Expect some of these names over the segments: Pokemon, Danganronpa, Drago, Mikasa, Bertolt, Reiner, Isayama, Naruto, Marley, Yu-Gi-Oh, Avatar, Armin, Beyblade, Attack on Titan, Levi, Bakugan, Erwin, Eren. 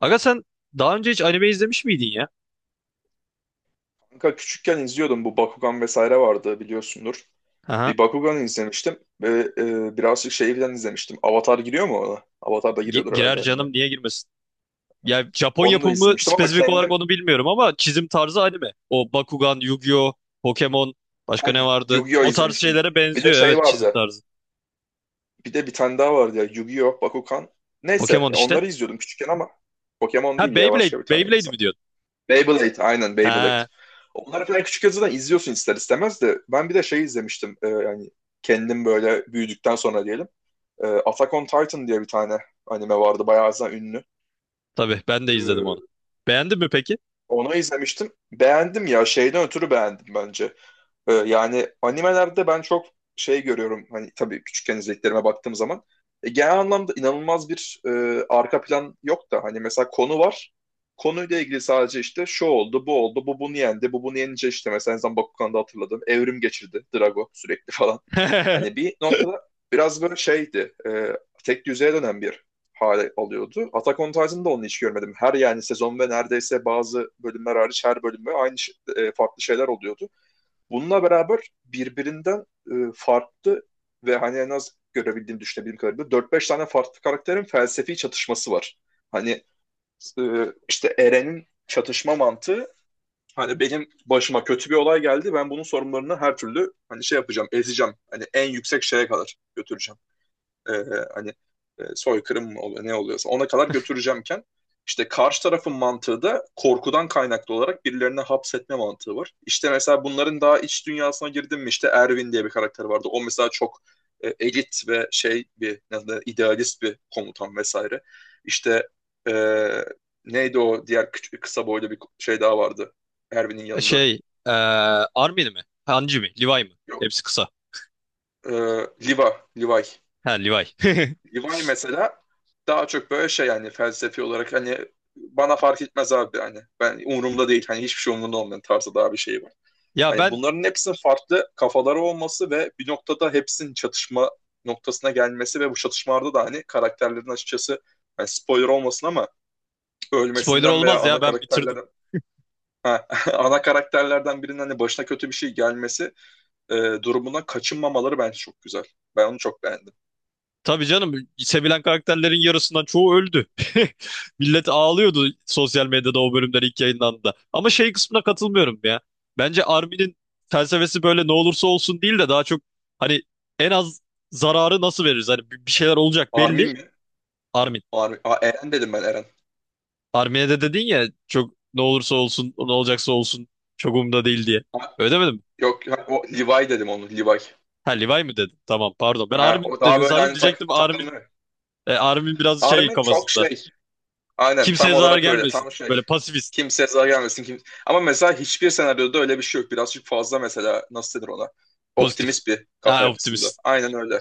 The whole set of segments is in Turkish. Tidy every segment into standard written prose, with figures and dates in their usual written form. Aga sen daha önce hiç anime izlemiş miydin ya? Kanka küçükken izliyordum, bu Bakugan vesaire vardı, biliyorsundur. Aha. Bir Bakugan izlemiştim ve birazcık şeyden izlemiştim. Avatar giriyor mu ona? Avatar da Gi- giriyordur girer herhalde anime. canım, niye girmesin? Ya Japon Onu da yapımı izlemiştim ama spesifik olarak kendim onu bilmiyorum ama çizim tarzı anime. O Bakugan, Yu-Gi-Oh, Pokemon, ha, başka ne vardı? Yu-Gi-Oh O tarz izlemiştim. şeylere Bir de benziyor, şey evet, çizim vardı. tarzı. Bir de bir tane daha vardı ya, Yu-Gi-Oh, Bakugan. Neyse Pokemon ya, işte. onları izliyordum küçükken ama Pokemon Ha değil ya, Beyblade, başka bir taneydi Beyblade mi sanki. diyordun? Beyblade, aynen Beyblade. Ha, Onları falan küçük zaten izliyorsun ister istemez, de ben bir de şey izlemiştim yani kendim böyle büyüdükten sonra diyelim. Attack on Titan diye bir tane anime vardı. Bayağı zaten ünlü. tabii ben de E, izledim onu. Beğendin mi peki? onu izlemiştim. Beğendim ya. Şeyden ötürü beğendim bence. Yani animelerde ben çok şey görüyorum, hani tabii küçükken izlediklerime baktığım zaman genel anlamda inanılmaz bir arka plan yok da hani mesela konu var. Konuyla ilgili sadece işte şu oldu, bu oldu, bu bunu yendi, bu bunu yenince işte mesela en son Bakugan'da hatırladım. Evrim geçirdi Drago sürekli falan. Hani bir noktada biraz böyle şeydi, tek düzeye dönen bir hale alıyordu. Attack on Titan'da onu hiç görmedim. Her yani sezon ve neredeyse bazı bölümler hariç her bölümde farklı şeyler oluyordu. Bununla beraber birbirinden farklı ve hani en az görebildiğim, düşünebildiğim kadarıyla dört beş tane farklı karakterin felsefi çatışması var. Hani e, işte Eren'in çatışma mantığı, hani benim başıma kötü bir olay geldi, ben bunun sorunlarını her türlü hani şey yapacağım, ezeceğim. Hani en yüksek şeye kadar götüreceğim, e, hani soykırım mı oluyor ne oluyorsa ona kadar götüreceğimken, işte karşı tarafın mantığı da korkudan kaynaklı olarak birilerine hapsetme mantığı var. İşte mesela bunların daha iç dünyasına girdim mi, işte Erwin diye bir karakter vardı. O mesela çok elit ve şey bir, ne idealist bir komutan vesaire. İşte e, neydi o diğer küçük, kısa boylu bir şey daha vardı Erwin'in yanında. Şey, eee Armin mi? Hanji mi? Levi mi? Yok. Hepsi kısa. E, Liva, Levi. Ha Levi. Levi mesela daha çok böyle şey yani felsefi olarak hani, bana fark etmez abi, hani ben umurumda değil, hani hiçbir şey umurumda olmayan tarzda daha bir şey var. Ya Hani ben bunların hepsinin farklı kafaları olması ve bir noktada hepsinin çatışma noktasına gelmesi ve bu çatışmalarda da hani karakterlerin açıkçası, yani spoiler olmasın ama spoiler ölmesinden veya olmaz ya, ana ben bitirdim. karakterlerden ha, ana karakterlerden birinin hani başına kötü bir şey gelmesi e, durumuna kaçınmamaları bence çok güzel. Ben onu çok beğendim. Tabii canım, sevilen karakterlerin yarısından çoğu öldü. Millet ağlıyordu sosyal medyada o bölümler ilk yayınlandığında. Ama şey kısmına katılmıyorum ya. Bence Armin'in felsefesi böyle ne olursa olsun değil de daha çok hani en az zararı nasıl veririz? Hani bir şeyler olacak Armin belli. mi? Armin. Armin. Aa, Eren dedim, ben Eren. Armin'e de dedin ya çok ne olursa olsun ne olacaksa olsun çok umurumda değil diye. Öyle demedim mi? Yok ya, o Levi dedim, onu Levi. Ha Levi mi dedim? Tamam pardon. Ben Ha, Armin o daha dedin böyle sandım, hani diyecektim Armin. takımı. Armin biraz şey Armin çok kafasında. şey. Aynen Kimseye tam zarar olarak öyle, gelmesin. tam şey. Böyle pasifist. Kimseye zarar gelmesin. Kim... Ama mesela hiçbir senaryoda öyle bir şey yok. Birazcık fazla mesela, nasıl denir ona? Pozitif. Optimist bir kafa Ha, yapısında. optimist. Aynen öyle.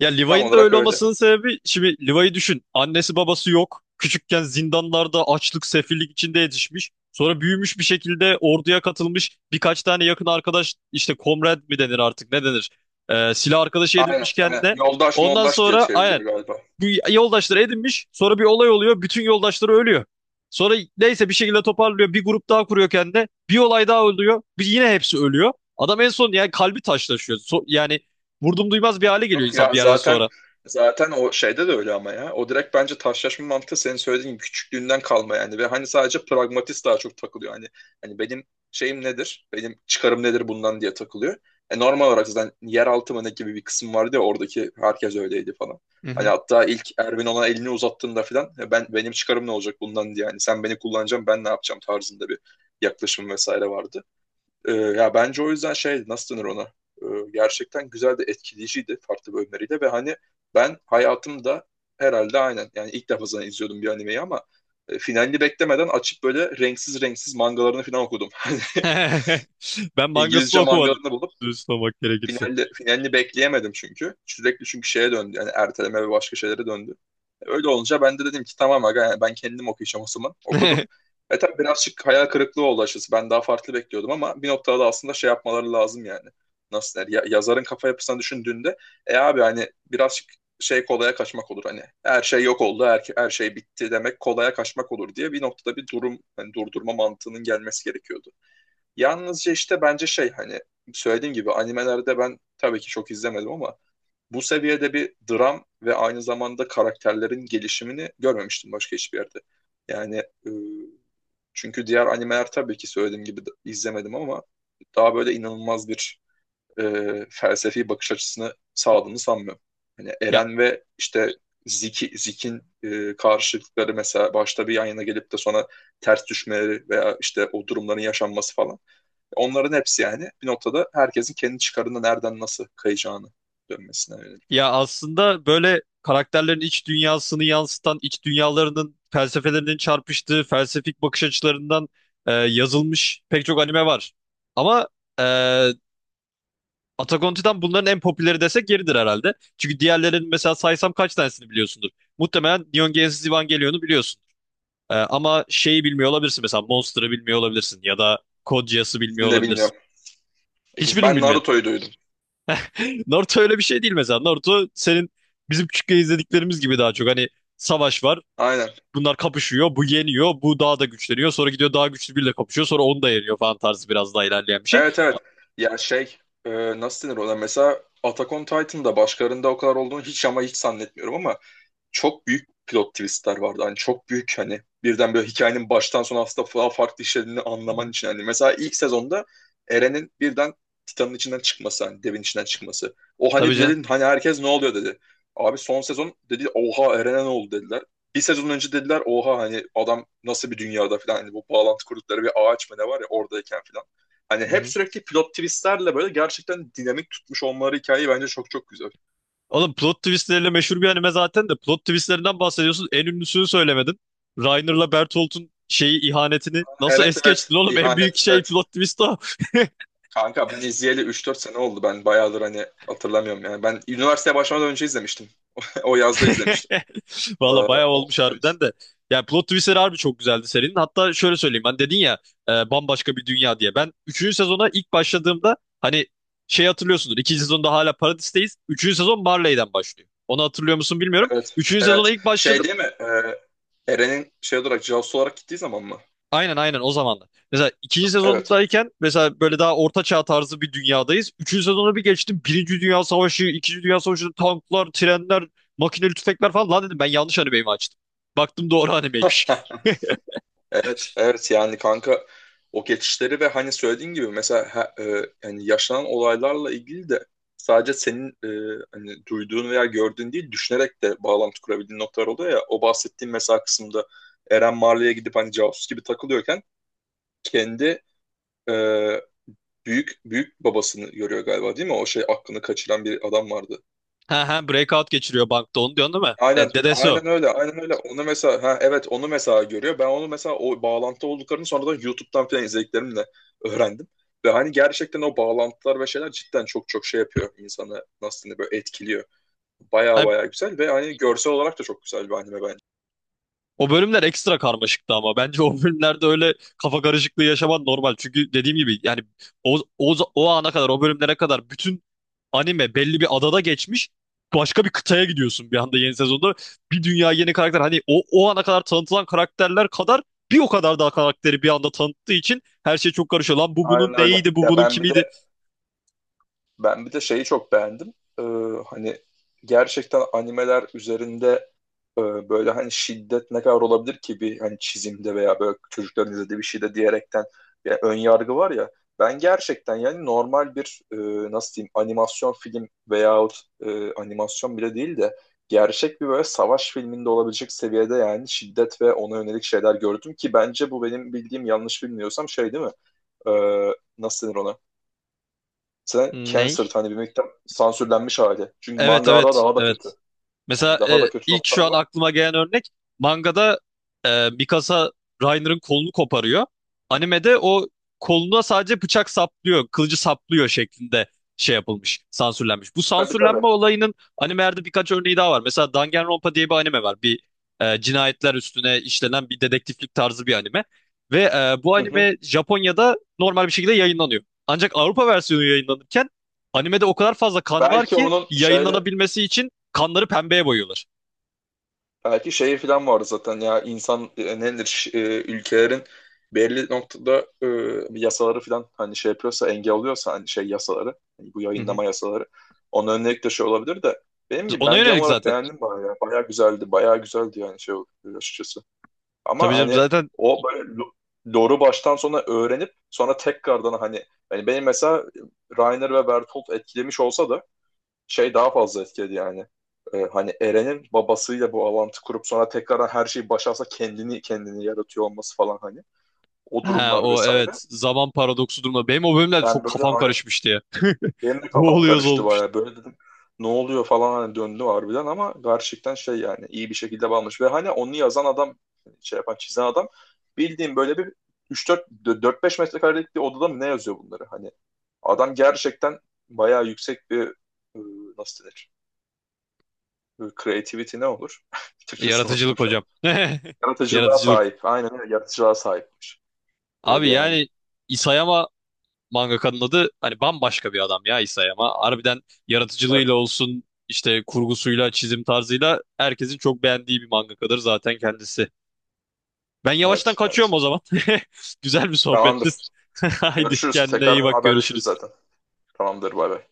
Ya Tam Levi'nin de olarak öyle öyle. olmasının sebebi şimdi Levi'yi düşün. Annesi babası yok. Küçükken zindanlarda açlık, sefillik içinde yetişmiş. Sonra büyümüş bir şekilde orduya katılmış. Birkaç tane yakın arkadaş işte komrad mi denir artık, ne denir? Silah arkadaşı Aynen, edinmiş aynen. kendine. Yoldaş Ondan moldaş diye sonra çevriliyor aynen galiba. bu yoldaşları edinmiş. Sonra bir olay oluyor. Bütün yoldaşları ölüyor. Sonra neyse bir şekilde toparlıyor. Bir grup daha kuruyor kendine. Bir olay daha oluyor. Bir, yine hepsi ölüyor. Adam en son yani kalbi taşlaşıyor. Yani vurdum duymaz bir hale geliyor Yok insan ya, bir yerden zaten sonra. zaten o şeyde de öyle ama ya. O direkt bence taşlaşma mantığı, senin söylediğin gibi küçüklüğünden kalma yani, ve hani sadece pragmatist daha çok takılıyor. Hani benim şeyim nedir? Benim çıkarım nedir bundan diye takılıyor. E normal olarak zaten yeraltı mı ne gibi bir kısım vardı ya, oradaki herkes öyleydi falan. Hani hatta ilk Erwin ona elini uzattığında falan, "E ben, benim çıkarım ne olacak bundan diye, yani sen beni kullanacaksın, ben ne yapacağım tarzında bir yaklaşım vesaire vardı. Ya bence o yüzden şey, nasıl denir ona? Gerçekten güzel de etkileyiciydi farklı bölümleriyle ve hani ben hayatımda herhalde aynen yani ilk defa zaten izliyordum bir animeyi, ama finalini beklemeden açıp böyle renksiz renksiz mangalarını falan okudum. Hani Ben mangasını İngilizce okumadım. mangalarını bulup Dürüst olmak gerekirse. Finalde, finalini bekleyemedim çünkü. Sürekli çünkü şeye döndü. Yani erteleme ve başka şeylere döndü. Öyle olunca ben de dedim ki, tamam aga yani ben kendim okuyacağım o zaman. Okudum. E tabii birazcık hayal kırıklığı oldu açıkçası. Ben daha farklı bekliyordum ama bir noktada aslında şey yapmaları lazım yani. Nasıl der? Yazarın kafa yapısını düşündüğünde abi hani birazcık şey, kolaya kaçmak olur hani. Her şey yok oldu, her şey bitti demek kolaya kaçmak olur diye bir noktada bir durum, hani durdurma mantığının gelmesi gerekiyordu. Yalnızca işte bence şey, hani söylediğim gibi animelerde ben tabii ki çok izlemedim ama bu seviyede bir dram ve aynı zamanda karakterlerin gelişimini görmemiştim başka hiçbir yerde. Yani e, çünkü diğer animeler tabii ki söylediğim gibi izlemedim ama daha böyle inanılmaz bir e, felsefi bakış açısını sağladığını sanmıyorum. Hani Ya Eren ve işte Zik'in karşılıkları mesela başta bir yan yana gelip de sonra ters düşmeleri veya işte o durumların yaşanması falan. Onların hepsi yani bir noktada herkesin kendi çıkarında nereden nasıl kayacağını dönmesine yönelik. Ya aslında böyle karakterlerin iç dünyasını yansıtan, iç dünyalarının felsefelerinin çarpıştığı, felsefik bakış açılarından yazılmış pek çok anime var. Ama e, Attack on Titan bunların en popüleri desek yeridir herhalde. Çünkü diğerlerinin mesela saysam kaç tanesini biliyorsundur. Muhtemelen Neon Genesis Evangelion'u biliyorsun. Ama şeyi bilmiyor olabilirsin, mesela Monster'ı bilmiyor olabilirsin ya da Code Geass'ı bilmiyor İkisini de olabilirsin. bilmiyorum. Hiçbirini mi Ben bilmiyorsun? Naruto'yu duydum. Naruto öyle bir şey değil mesela. Naruto senin bizim küçükken izlediklerimiz gibi daha çok. Hani savaş var. Aynen. Bunlar kapışıyor. Bu yeniyor. Bu daha da güçleniyor. Sonra gidiyor daha güçlü biriyle kapışıyor. Sonra onu da yeniyor falan tarzı biraz daha ilerleyen bir şey. Evet, evet. Ya şey, e, nasıl denir ona? Mesela Attack on Titan'da başkalarında o kadar olduğunu hiç ama hiç zannetmiyorum ama çok büyük plot twistler vardı. Hani çok büyük, hani birden böyle hikayenin baştan sona aslında daha farklı işlediğini Hı anlaman hı. için. Hani mesela ilk sezonda Eren'in birden Titan'ın içinden çıkması, hani devin içinden çıkması. O hani Tabii canım. bir hani herkes ne oluyor dedi. Abi son sezon dedi, oha Eren'e ne oldu dediler. Bir sezon önce dediler, oha hani adam nasıl bir dünyada falan hani bu bağlantı kurdukları bir ağaç mı ne var ya oradayken falan. Hani Hı hep hı. sürekli pilot twistlerle böyle gerçekten dinamik tutmuş olmaları hikayeyi bence çok çok güzel. Oğlum plot twistleriyle meşhur bir anime zaten de plot twistlerinden bahsediyorsun. En ünlüsünü söylemedin. Reiner'la Bertolt'un şeyi, ihanetini nasıl Evet, es evet, geçtin oğlum? En büyük ihanet, şey evet. plot twist o. Kanka ben izleyeli 3-4 sene oldu. Ben bayağıdır hani hatırlamıyorum yani. Ben üniversiteye başlamadan önce izlemiştim. O yazda izlemiştim. Ee, Valla bayağı olmuş hani- harbiden de. Yani plot twistleri harbi çok güzeldi serinin. Hatta şöyle söyleyeyim. Hani dedin ya bambaşka bir dünya diye. Ben üçüncü sezona ilk başladığımda hani şey hatırlıyorsundur. 2. sezonda hala Paradis'teyiz. Üçüncü sezon Marley'den başlıyor. Onu hatırlıyor musun bilmiyorum. evet. Üçüncü sezona Evet. ilk başladığımda Şey değil mi? Eren'in şey olarak, casusu olarak gittiği zaman mı? aynen aynen o zamanlar. Mesela ikinci Evet. sezondayken mesela böyle daha orta çağ tarzı bir dünyadayız. Üçüncü sezona bir geçtim. Birinci Dünya Savaşı, İkinci Dünya Savaşı, tanklar, trenler, makineli tüfekler falan. Lan dedim, ben yanlış animeyi açtım? Baktım doğru animeymiş. Evet. Evet yani kanka o geçişleri ve hani söylediğin gibi mesela yani yaşanan olaylarla ilgili de sadece senin hani duyduğun veya gördüğün değil düşünerek de bağlantı kurabildiğin noktalar oluyor ya. O bahsettiğim mesela kısımda Eren Marley'e gidip hani casus gibi takılıyorken kendi e, büyük büyük babasını görüyor galiba değil mi? O şey, aklını kaçıran bir adam vardı. Ha ha, breakout geçiriyor bankta onu diyorsun değil mi? Aynen, E, dedesi o. aynen öyle, aynen öyle. Onu mesela, ha evet, onu mesela görüyor. Ben onu mesela o bağlantı olduklarını sonradan YouTube'dan falan izlediklerimle öğrendim. Ve hani gerçekten o bağlantılar ve şeyler cidden çok çok şey yapıyor insanı, nasıl diyeyim, böyle etkiliyor. Baya baya güzel ve hani görsel olarak da çok güzel bir anime bence. O bölümler ekstra karmaşıktı ama bence o bölümlerde öyle kafa karışıklığı yaşaman normal. Çünkü dediğim gibi yani o ana kadar, o bölümlere kadar bütün anime belli bir adada geçmiş. Başka bir kıtaya gidiyorsun bir anda yeni sezonda. Bir dünya yeni karakter, hani o ana kadar tanıtılan karakterler kadar bir o kadar daha karakteri bir anda tanıttığı için her şey çok karışıyor. Lan bu bunun Aynen öyle. neydi, bu Ya bunun ben bir kimiydi? de ben bir de şeyi çok beğendim. Ee, hani gerçekten animeler üzerinde e, böyle hani şiddet ne kadar olabilir ki bir hani çizimde veya böyle çocukların izlediği bir şeyde diyerekten bir ön yargı var ya, ben gerçekten yani normal bir nasıl diyeyim, animasyon film veyahut animasyon bile değil de gerçek bir böyle savaş filminde olabilecek seviyede yani şiddet ve ona yönelik şeyler gördüm ki bence bu benim bildiğim, yanlış bilmiyorsam şey değil mi? Nasıl denir ona? Sen Ney? cancer hani bir miktar sansürlenmiş hali. Çünkü Evet mangada evet daha da evet. kötü. Yani Mesela daha da kötü ilk noktalar şu an var. aklıma gelen örnek, mangada Mikasa Reiner'ın kolunu koparıyor. Animede o koluna sadece bıçak saplıyor, kılıcı saplıyor şeklinde şey yapılmış, sansürlenmiş. Bu Tabii, tabii. sansürlenme olayının animelerde birkaç örneği daha var. Mesela Danganronpa diye bir anime var. Bir cinayetler üstüne işlenen bir dedektiflik tarzı bir anime. Ve bu Hı hı. anime Japonya'da normal bir şekilde yayınlanıyor. Ancak Avrupa versiyonu yayınlanırken animede o kadar fazla kan var Belki ki onun şöyle yayınlanabilmesi için kanları pembeye boyuyorlar. belki şeyi falan var zaten ya, insan ülkelerin belli noktada yasaları falan hani şey yapıyorsa engel oluyorsa hani şey yasaları, hani bu Hı hı. yayınlama yasaları onun önüne de şey olabilir de, benim gibi Ona ben genel yönelik olarak zaten. beğendim bayağı ya. Bayağı güzeldi, bayağı güzeldi yani şey oldu açıkçası, Tabii ama canım hani zaten. o böyle lore'u baştan sona öğrenip sonra tekrardan hani, hani benim mesela Rainer ve Bertolt etkilemiş olsa da şey daha fazla etkiledi yani. Hani Eren'in babasıyla bu bağlantı kurup sonra tekrardan her şeyi başarsa kendini yaratıyor olması falan hani. O Ha, durumlar o evet, vesaire. zaman paradoksu durma. Benim o bölümlerde çok Ben böyle kafam aynen karışmıştı ya. benim de Ne kafam oluyoruz karıştı olmuştu. bayağı. Böyle dedim ne oluyor falan hani, döndü harbiden, ama gerçekten şey yani iyi bir şekilde bağlamış. Ve hani onu yazan adam, şey yapan çizen adam, bildiğim böyle bir üç dört dört beş metrekarelik bir odada mı ne yazıyor bunları hani. Adam gerçekten bayağı yüksek bir e, nasıl denir? Creativity ne olur? Türkçesini unuttum Yaratıcılık şu an. hocam. Yaratıcılığa Yaratıcılık. sahip. Aynen öyle. Yaratıcılığa sahipmiş. Öyle Abi yani. yani Isayama, mangakanın adı hani, bambaşka bir adam ya Isayama. Harbiden yaratıcılığıyla Evet. olsun, işte kurgusuyla, çizim tarzıyla herkesin çok beğendiği bir mangakadır zaten kendisi. Ben yavaştan Evet. kaçıyorum o Evet. zaman. Güzel bir sohbetti. Tamamdır. Haydi Görüşürüz. kendine iyi Tekrardan bak, haberleşiriz görüşürüz. zaten. Tamamdır. Bay bay.